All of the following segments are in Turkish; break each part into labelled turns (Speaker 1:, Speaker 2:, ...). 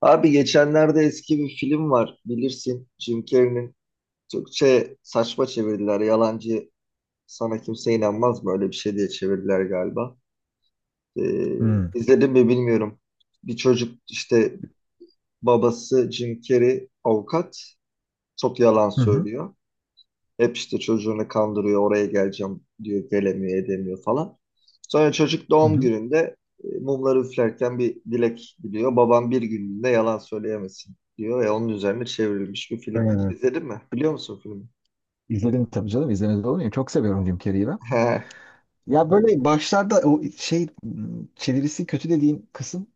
Speaker 1: Abi, geçenlerde eski bir film var, bilirsin, Jim Carrey'nin. Türkçe saçma çevirdiler, yalancı sana kimse inanmaz mı, öyle bir şey diye çevirdiler galiba. Ee,
Speaker 2: Hmm.
Speaker 1: izledim mi bilmiyorum. Bir çocuk işte, babası Jim Carrey avukat, çok yalan
Speaker 2: Hı hı.
Speaker 1: söylüyor. Hep işte çocuğunu kandırıyor, oraya geleceğim diyor, gelemiyor, edemiyor falan. Sonra çocuk
Speaker 2: Hı
Speaker 1: doğum
Speaker 2: hı.
Speaker 1: gününde mumları üflerken bir dilek diliyor. Babam bir günlüğüne yalan söyleyemesin diyor ve onun üzerine çevrilmiş bir film.
Speaker 2: Evet.
Speaker 1: İzledin mi? Biliyor musun filmi?
Speaker 2: İzledim tabii canım. İzlemez olur muyum? Çok seviyorum Jim Carrey'i ben.
Speaker 1: He.
Speaker 2: Ya böyle başlarda çevirisi kötü dediğim kısım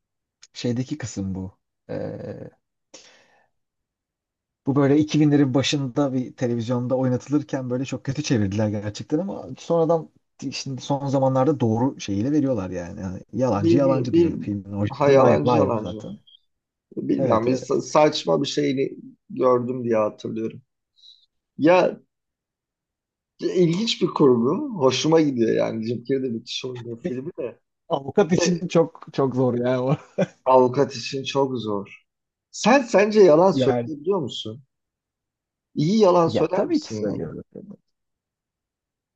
Speaker 2: şeydeki kısım bu. Ee, Bu böyle 2000'lerin başında bir televizyonda oynatılırken böyle çok kötü çevirdiler gerçekten, ama sonradan şimdi son zamanlarda doğru şeyiyle veriyorlar yani. Yani yalancı
Speaker 1: Bir, bir,
Speaker 2: yalancı
Speaker 1: bir,
Speaker 2: diyor filmin
Speaker 1: ha,
Speaker 2: orijinali.
Speaker 1: yalancı
Speaker 2: Liar liar
Speaker 1: yalancı.
Speaker 2: zaten.
Speaker 1: Bilmiyorum,
Speaker 2: Evet,
Speaker 1: bir
Speaker 2: evet.
Speaker 1: saçma bir şeyini gördüm diye hatırlıyorum. Ya, ilginç bir kurgu. Hoşuma gidiyor yani. Jim Carrey de müthiş oynuyor,
Speaker 2: Bir
Speaker 1: filmi de.
Speaker 2: avukat
Speaker 1: Şey,
Speaker 2: için çok çok zor ya o.
Speaker 1: Avukat için çok zor. Sence yalan
Speaker 2: Yani
Speaker 1: söyleyebiliyor musun? İyi yalan
Speaker 2: ya
Speaker 1: söyler
Speaker 2: tabii ki
Speaker 1: misin yani?
Speaker 2: söylüyorum.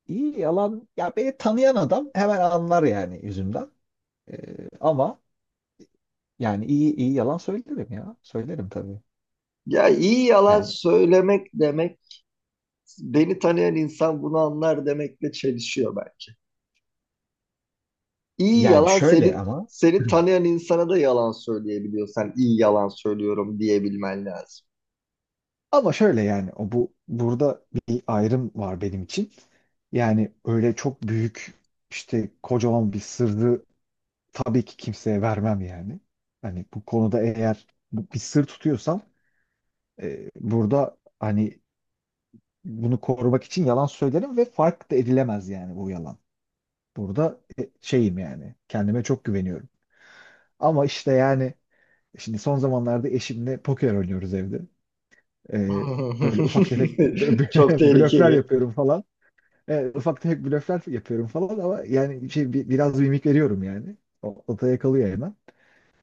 Speaker 2: İyi yalan, ya beni tanıyan adam hemen anlar yani yüzümden. Ama yani iyi yalan söylerim ya. Söylerim tabii.
Speaker 1: Ya, iyi yalan
Speaker 2: Yani
Speaker 1: söylemek demek, beni tanıyan insan bunu anlar demekle çelişiyor belki. İyi
Speaker 2: yani
Speaker 1: yalan,
Speaker 2: şöyle
Speaker 1: seni
Speaker 2: ama,
Speaker 1: seni tanıyan insana da yalan söyleyebiliyorsan iyi yalan söylüyorum diyebilmen lazım.
Speaker 2: ama şöyle yani o bu burada bir ayrım var benim için. Yani öyle çok büyük, işte kocaman bir sırrı tabii ki kimseye vermem yani. Hani bu konuda eğer bir sır tutuyorsam, burada hani bunu korumak için yalan söylerim ve fark da edilemez yani bu yalan. Burada şeyim yani. Kendime çok güveniyorum. Ama işte yani şimdi son zamanlarda eşimle poker oynuyoruz evde. Ee, Böyle ufak tefek
Speaker 1: Çok
Speaker 2: blöfler
Speaker 1: tehlikeli.
Speaker 2: yapıyorum falan. Ufak tefek blöfler yapıyorum falan ama yani şey, biraz mimik veriyorum yani. O, o da yakalıyor hemen.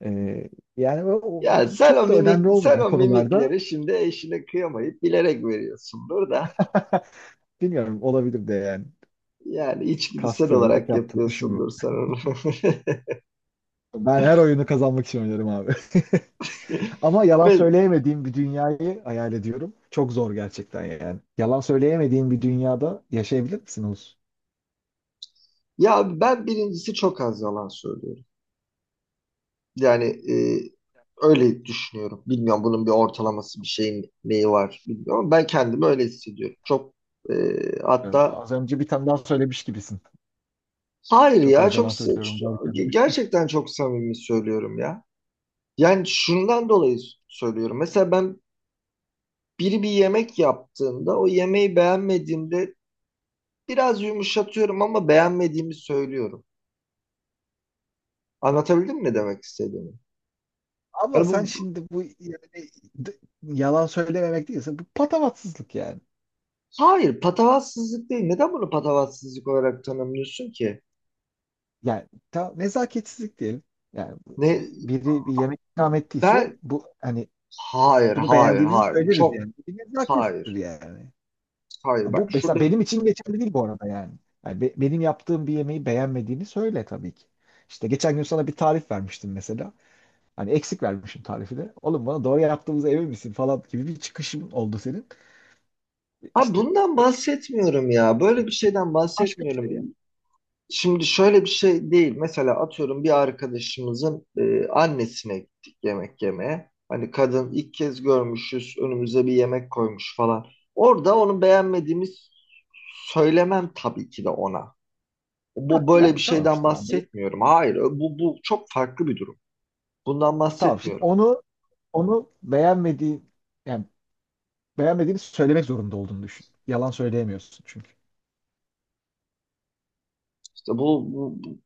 Speaker 2: Ee, Yani o
Speaker 1: Ya
Speaker 2: çok da önemli
Speaker 1: sen
Speaker 2: olmayan
Speaker 1: o
Speaker 2: konularda.
Speaker 1: mimikleri şimdi eşine kıyamayıp bilerek veriyorsundur da.
Speaker 2: Bilmiyorum, olabilir de yani,
Speaker 1: Yani içgüdüsel
Speaker 2: kasti olarak
Speaker 1: olarak
Speaker 2: yaptığımı düşünmüyorum.
Speaker 1: yapıyorsundur sanırım.
Speaker 2: Ben her oyunu kazanmak için oynarım abi. Ama yalan
Speaker 1: Evet.
Speaker 2: söyleyemediğim bir dünyayı hayal ediyorum. Çok zor gerçekten yani. Yalan söyleyemediğin bir dünyada yaşayabilir misin Oğuz?
Speaker 1: Ya ben birincisi çok az yalan söylüyorum. Yani öyle düşünüyorum. Bilmiyorum bunun bir ortalaması, bir şeyin neyi var bilmiyorum. Ama ben kendimi öyle hissediyorum. Çok, e,
Speaker 2: Bilmiyorum.
Speaker 1: hatta
Speaker 2: Az önce bir tane daha söylemiş gibisin.
Speaker 1: hayır
Speaker 2: Çok
Speaker 1: ya,
Speaker 2: az yalan
Speaker 1: çok
Speaker 2: söylüyorum derken.
Speaker 1: gerçekten çok samimi söylüyorum ya. Yani şundan dolayı söylüyorum. Mesela ben, biri bir yemek yaptığında o yemeği beğenmediğimde biraz yumuşatıyorum ama beğenmediğimi söylüyorum. Anlatabildim mi ne demek istediğimi?
Speaker 2: Ama
Speaker 1: Yani
Speaker 2: sen şimdi bu yani d- yalan söylememek değilse bu patavatsızlık yani.
Speaker 1: hayır, patavatsızlık değil. Neden bunu patavatsızlık olarak tanımlıyorsun ki?
Speaker 2: Nezaketsizlik diyelim. Yani
Speaker 1: Ne
Speaker 2: biri bir yemek ikram ettiyse
Speaker 1: ben
Speaker 2: bu, hani
Speaker 1: Hayır,
Speaker 2: bunu
Speaker 1: hayır,
Speaker 2: beğendiğimizi
Speaker 1: hayır,
Speaker 2: söyleriz
Speaker 1: çok.
Speaker 2: yani. Bu bir nezakettir
Speaker 1: Hayır,
Speaker 2: yani.
Speaker 1: hayır,
Speaker 2: Bu
Speaker 1: bak
Speaker 2: mesela
Speaker 1: şurada.
Speaker 2: benim için geçerli değil bu arada yani. Yani benim yaptığım bir yemeği beğenmediğini söyle tabii ki. İşte geçen gün sana bir tarif vermiştim mesela. Hani eksik vermişim tarifi de. Oğlum bana doğru yaptığımıza emin misin falan gibi bir çıkışın oldu senin.
Speaker 1: Abi,
Speaker 2: İşte
Speaker 1: bundan
Speaker 2: bu
Speaker 1: bahsetmiyorum ya. Böyle bir şeyden
Speaker 2: bu başka bir şey
Speaker 1: bahsetmiyorum.
Speaker 2: yani.
Speaker 1: Şimdi şöyle bir şey değil. Mesela atıyorum, bir arkadaşımızın annesine gittik yemek yemeye. Hani kadın, ilk kez görmüşüz, önümüze bir yemek koymuş falan. Orada onu beğenmediğimiz söylemem tabii ki de ona.
Speaker 2: Hah,
Speaker 1: Bu böyle bir
Speaker 2: yani tamam
Speaker 1: şeyden
Speaker 2: işte ben de.
Speaker 1: bahsetmiyorum. Hayır, bu bu çok farklı bir durum. Bundan
Speaker 2: Tamam şimdi
Speaker 1: bahsetmiyorum.
Speaker 2: onu beğenmediğin, yani beğenmediğini söylemek zorunda olduğunu düşün. Yalan söyleyemiyorsun çünkü.
Speaker 1: İşte bu bu-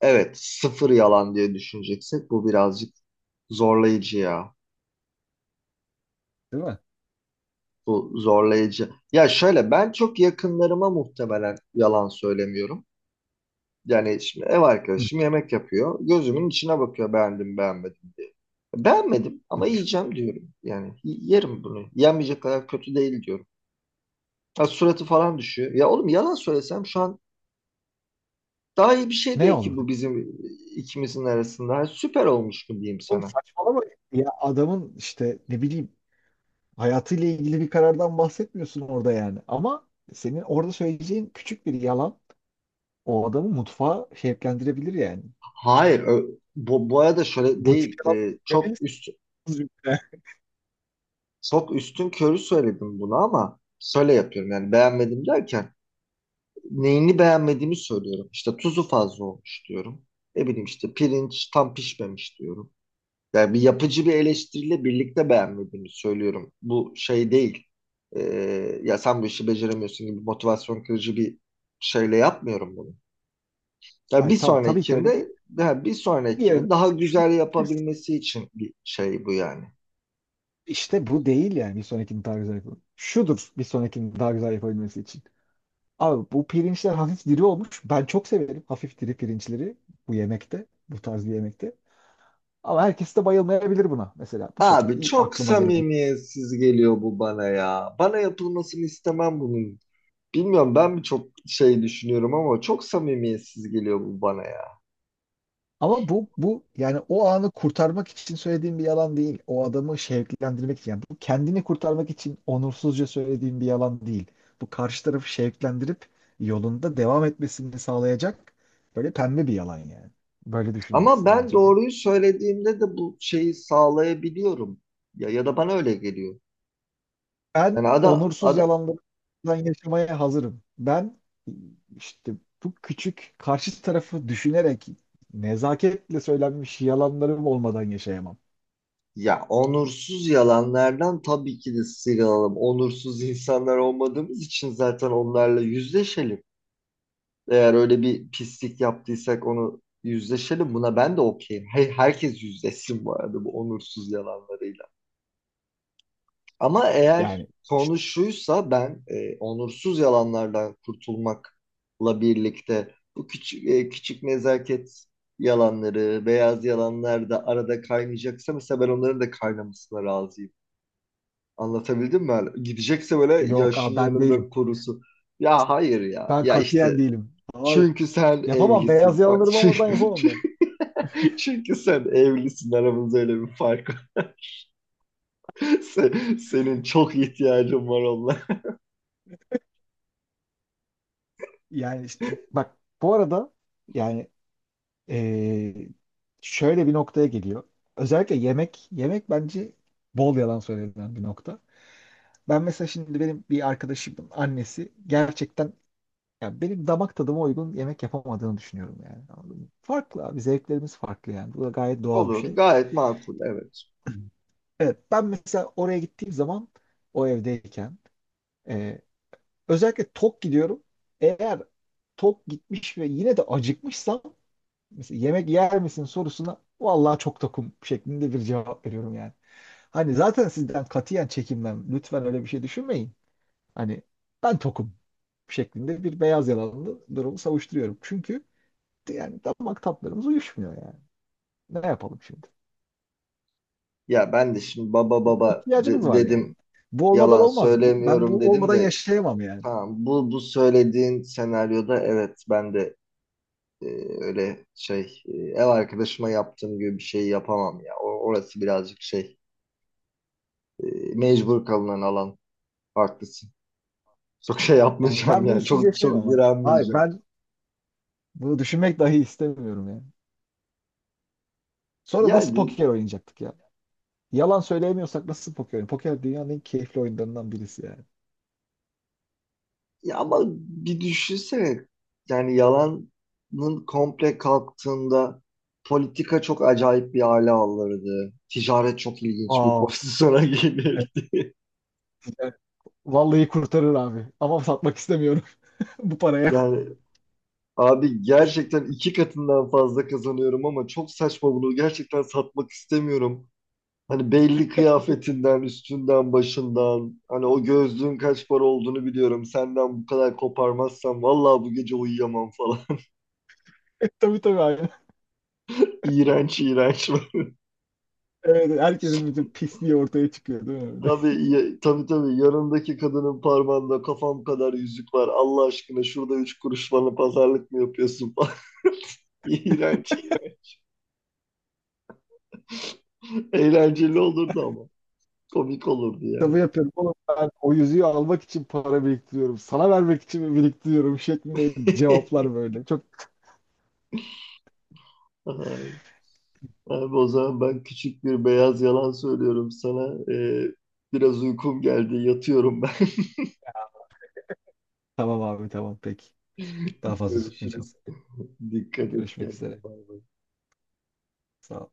Speaker 1: evet, sıfır yalan diye düşüneceksek bu birazcık zorlayıcı ya.
Speaker 2: Değil mi?
Speaker 1: Bu zorlayıcı. Ya şöyle, ben çok yakınlarıma muhtemelen yalan söylemiyorum. Yani şimdi ev
Speaker 2: Hı.
Speaker 1: arkadaşım yemek yapıyor. Gözümün içine bakıyor, beğendim beğenmedim diye. Beğenmedim ama yiyeceğim diyorum. Yani yerim bunu. Yenmeyecek kadar kötü değil diyorum. Ha, suratı falan düşüyor. Ya oğlum, yalan söylesem şu an daha iyi bir şey
Speaker 2: Ne
Speaker 1: değil ki
Speaker 2: olurdu?
Speaker 1: bu bizim ikimizin arasında. Ha, süper olmuş mu diyeyim
Speaker 2: Oğlum
Speaker 1: sana?
Speaker 2: saçmalama ya, adamın işte, ne bileyim, hayatıyla ilgili bir karardan bahsetmiyorsun orada yani. Ama senin orada söyleyeceğin küçük bir yalan o adamı mutfağa şevklendirebilir yani.
Speaker 1: Hayır, bu arada şöyle
Speaker 2: Bu tip
Speaker 1: değil.
Speaker 2: yalan söylemelisiniz.
Speaker 1: Çok üstün körü söyledim bunu ama şöyle yapıyorum yani, beğenmedim derken neyini beğenmediğimi söylüyorum. İşte tuzu fazla olmuş diyorum. Ne bileyim işte pirinç tam pişmemiş diyorum. Yani bir yapıcı bir eleştiriyle birlikte beğenmediğimi söylüyorum. Bu şey değil. Ya sen bu işi beceremiyorsun gibi motivasyon kırıcı bir şeyle yapmıyorum bunu. Yani
Speaker 2: Hayır
Speaker 1: bir
Speaker 2: tamam, tabii ki öyle
Speaker 1: sonrakinde
Speaker 2: değil.
Speaker 1: Yani bir
Speaker 2: Diğerine
Speaker 1: sonrakini daha
Speaker 2: şunu
Speaker 1: güzel
Speaker 2: diyebilirsin.
Speaker 1: yapabilmesi için bir şey bu yani.
Speaker 2: İşte bu değil yani, bir sonrakini daha güzel yapalım. Şudur bir sonrakini daha güzel yapabilmesi için. Abi bu pirinçler hafif diri olmuş. Ben çok severim hafif diri pirinçleri bu yemekte, bu tarz bir yemekte. Ama herkes de bayılmayabilir buna mesela. Bu şekilde
Speaker 1: Abi,
Speaker 2: ilk
Speaker 1: çok
Speaker 2: aklıma gelen.
Speaker 1: samimiyetsiz geliyor bu bana ya. Bana yapılmasını istemem bunun. Bilmiyorum, ben mi çok şey düşünüyorum ama çok samimiyetsiz geliyor bu bana ya.
Speaker 2: Ama bu yani o anı kurtarmak için söylediğim bir yalan değil. O adamı şevklendirmek için. Yani bu kendini kurtarmak için onursuzca söylediğim bir yalan değil. Bu karşı tarafı şevklendirip yolunda devam etmesini sağlayacak böyle pembe bir yalan yani. Böyle
Speaker 1: Ama
Speaker 2: düşünmelisin
Speaker 1: ben
Speaker 2: bence bunu.
Speaker 1: doğruyu söylediğimde de bu şeyi sağlayabiliyorum. Ya, ya da bana öyle geliyor.
Speaker 2: Ben
Speaker 1: Yani ada
Speaker 2: onursuz
Speaker 1: ada
Speaker 2: yalanlardan yaşamaya hazırım. Ben işte bu küçük, karşı tarafı düşünerek nezaketle söylenmiş yalanlarım olmadan yaşayamam.
Speaker 1: ya, onursuz yalanlardan tabii ki de sıyrılalım. Onursuz insanlar olmadığımız için zaten onlarla yüzleşelim. Eğer öyle bir pislik yaptıysak onu yüzleşelim. Buna ben de okeyim. Hey, herkes yüzleşsin bu arada bu onursuz yalanlarıyla. Ama
Speaker 2: Yani
Speaker 1: eğer
Speaker 2: işte
Speaker 1: konu şuysa, ben onursuz yalanlardan kurtulmakla birlikte bu küçük nezaket yalanları, beyaz yalanlar da arada kaynayacaksa, mesela ben onların da kaynamasına razıyım. Anlatabildim mi? Yani gidecekse böyle
Speaker 2: yok
Speaker 1: yaşın
Speaker 2: abi, ben değilim.
Speaker 1: yanında kurusu. Ya hayır ya.
Speaker 2: Ben
Speaker 1: Ya
Speaker 2: katiyen
Speaker 1: işte,
Speaker 2: değilim. Hayır.
Speaker 1: çünkü sen
Speaker 2: Yapamam. Beyaz
Speaker 1: evlisin. Ay,
Speaker 2: yakaları olmadan
Speaker 1: çünkü,
Speaker 2: yapamam ben.
Speaker 1: çünkü sen evlisin. Aramızda öyle bir fark var. Senin çok ihtiyacın var onlara.
Speaker 2: Yani işte bak bu arada yani, eee, şöyle bir noktaya geliyor. Özellikle yemek. Yemek bence bol yalan söylenen bir nokta. Ben mesela şimdi benim bir arkadaşımın annesi gerçekten, ya benim damak tadıma uygun yemek yapamadığını düşünüyorum yani. Anladın mı? Farklı abi. Zevklerimiz farklı yani. Bu da gayet doğal bir
Speaker 1: Olur.
Speaker 2: şey.
Speaker 1: Gayet makul. Evet.
Speaker 2: Evet, ben mesela oraya gittiğim zaman, o evdeyken, özellikle tok gidiyorum. Eğer tok gitmiş ve yine de acıkmışsam, mesela yemek yer misin sorusuna vallahi çok tokum şeklinde bir cevap veriyorum yani. Hani zaten sizden katiyen çekinmem. Lütfen öyle bir şey düşünmeyin. Hani ben tokum şeklinde bir beyaz yalanlı durumu savuşturuyorum. Çünkü yani damak tatlarımız uyuşmuyor yani. Ne yapalım şimdi?
Speaker 1: Ya ben de şimdi baba
Speaker 2: Buna
Speaker 1: baba
Speaker 2: ihtiyacımız var yani.
Speaker 1: dedim.
Speaker 2: Bu olmadan
Speaker 1: Yalan
Speaker 2: olmaz. Ben
Speaker 1: söylemiyorum
Speaker 2: bu
Speaker 1: dedim
Speaker 2: olmadan
Speaker 1: de,
Speaker 2: yaşayamam yani.
Speaker 1: tamam, bu söylediğin senaryoda evet, ben de e, öyle ev arkadaşıma yaptığım gibi bir şey yapamam ya. Orası birazcık e, mecbur kalınan alan. Haklısın. Çok şey
Speaker 2: Yani
Speaker 1: yapmayacağım
Speaker 2: ben
Speaker 1: yani.
Speaker 2: bunsuz
Speaker 1: Çok çok
Speaker 2: yaşayamam abi. Hayır
Speaker 1: direnmeyeceğim.
Speaker 2: ben bunu düşünmek dahi istemiyorum yani. Sonra nasıl
Speaker 1: Yani,
Speaker 2: poker oynayacaktık ya? Yalan söyleyemiyorsak nasıl poker oynayacaktık? Poker dünyanın en keyifli oyunlarından birisi yani.
Speaker 1: ya ama bir düşünsene. Yani yalanın komple kalktığında, politika çok acayip bir hale alırdı. Ticaret çok ilginç bir
Speaker 2: Aa,
Speaker 1: pozisyona
Speaker 2: evet.
Speaker 1: gelir.
Speaker 2: Yani vallahi kurtarır abi. Ama satmak istemiyorum bu paraya.
Speaker 1: Yani abi, gerçekten iki katından fazla kazanıyorum ama çok saçma, bunu gerçekten satmak istemiyorum. Hani belli
Speaker 2: Bu-
Speaker 1: kıyafetinden, üstünden, başından, hani o gözlüğün kaç para olduğunu biliyorum. Senden bu kadar koparmazsam vallahi bu gece uyuyamam falan.
Speaker 2: Tabii, tabii abi.
Speaker 1: İğrenç, iğrenç.
Speaker 2: Evet, herkesin bütün pisliği ortaya çıkıyor değil mi? Öyle.
Speaker 1: Abi, tabii tabii, yanındaki kadının parmağında kafam kadar yüzük var. Allah aşkına şurada üç kuruş bana pazarlık mı yapıyorsun falan. İğrenç. İğrenç. Eğlenceli olurdu ama. Komik olurdu yani.
Speaker 2: Tabii yapıyorum. Oğlum ben o yüzüğü almak için para biriktiriyorum. Sana vermek için mi biriktiriyorum şeklinde cevaplar böyle. Çok.
Speaker 1: Ay, abi, o zaman ben küçük bir beyaz yalan söylüyorum sana. Biraz uykum geldi. Yatıyorum ben.
Speaker 2: Tamam abi, tamam peki. Daha fazla tutmayacağım.
Speaker 1: Görüşürüz. Dikkat et
Speaker 2: Görüşmek üzere.
Speaker 1: kendine. Bay bay.
Speaker 2: Sağ ol.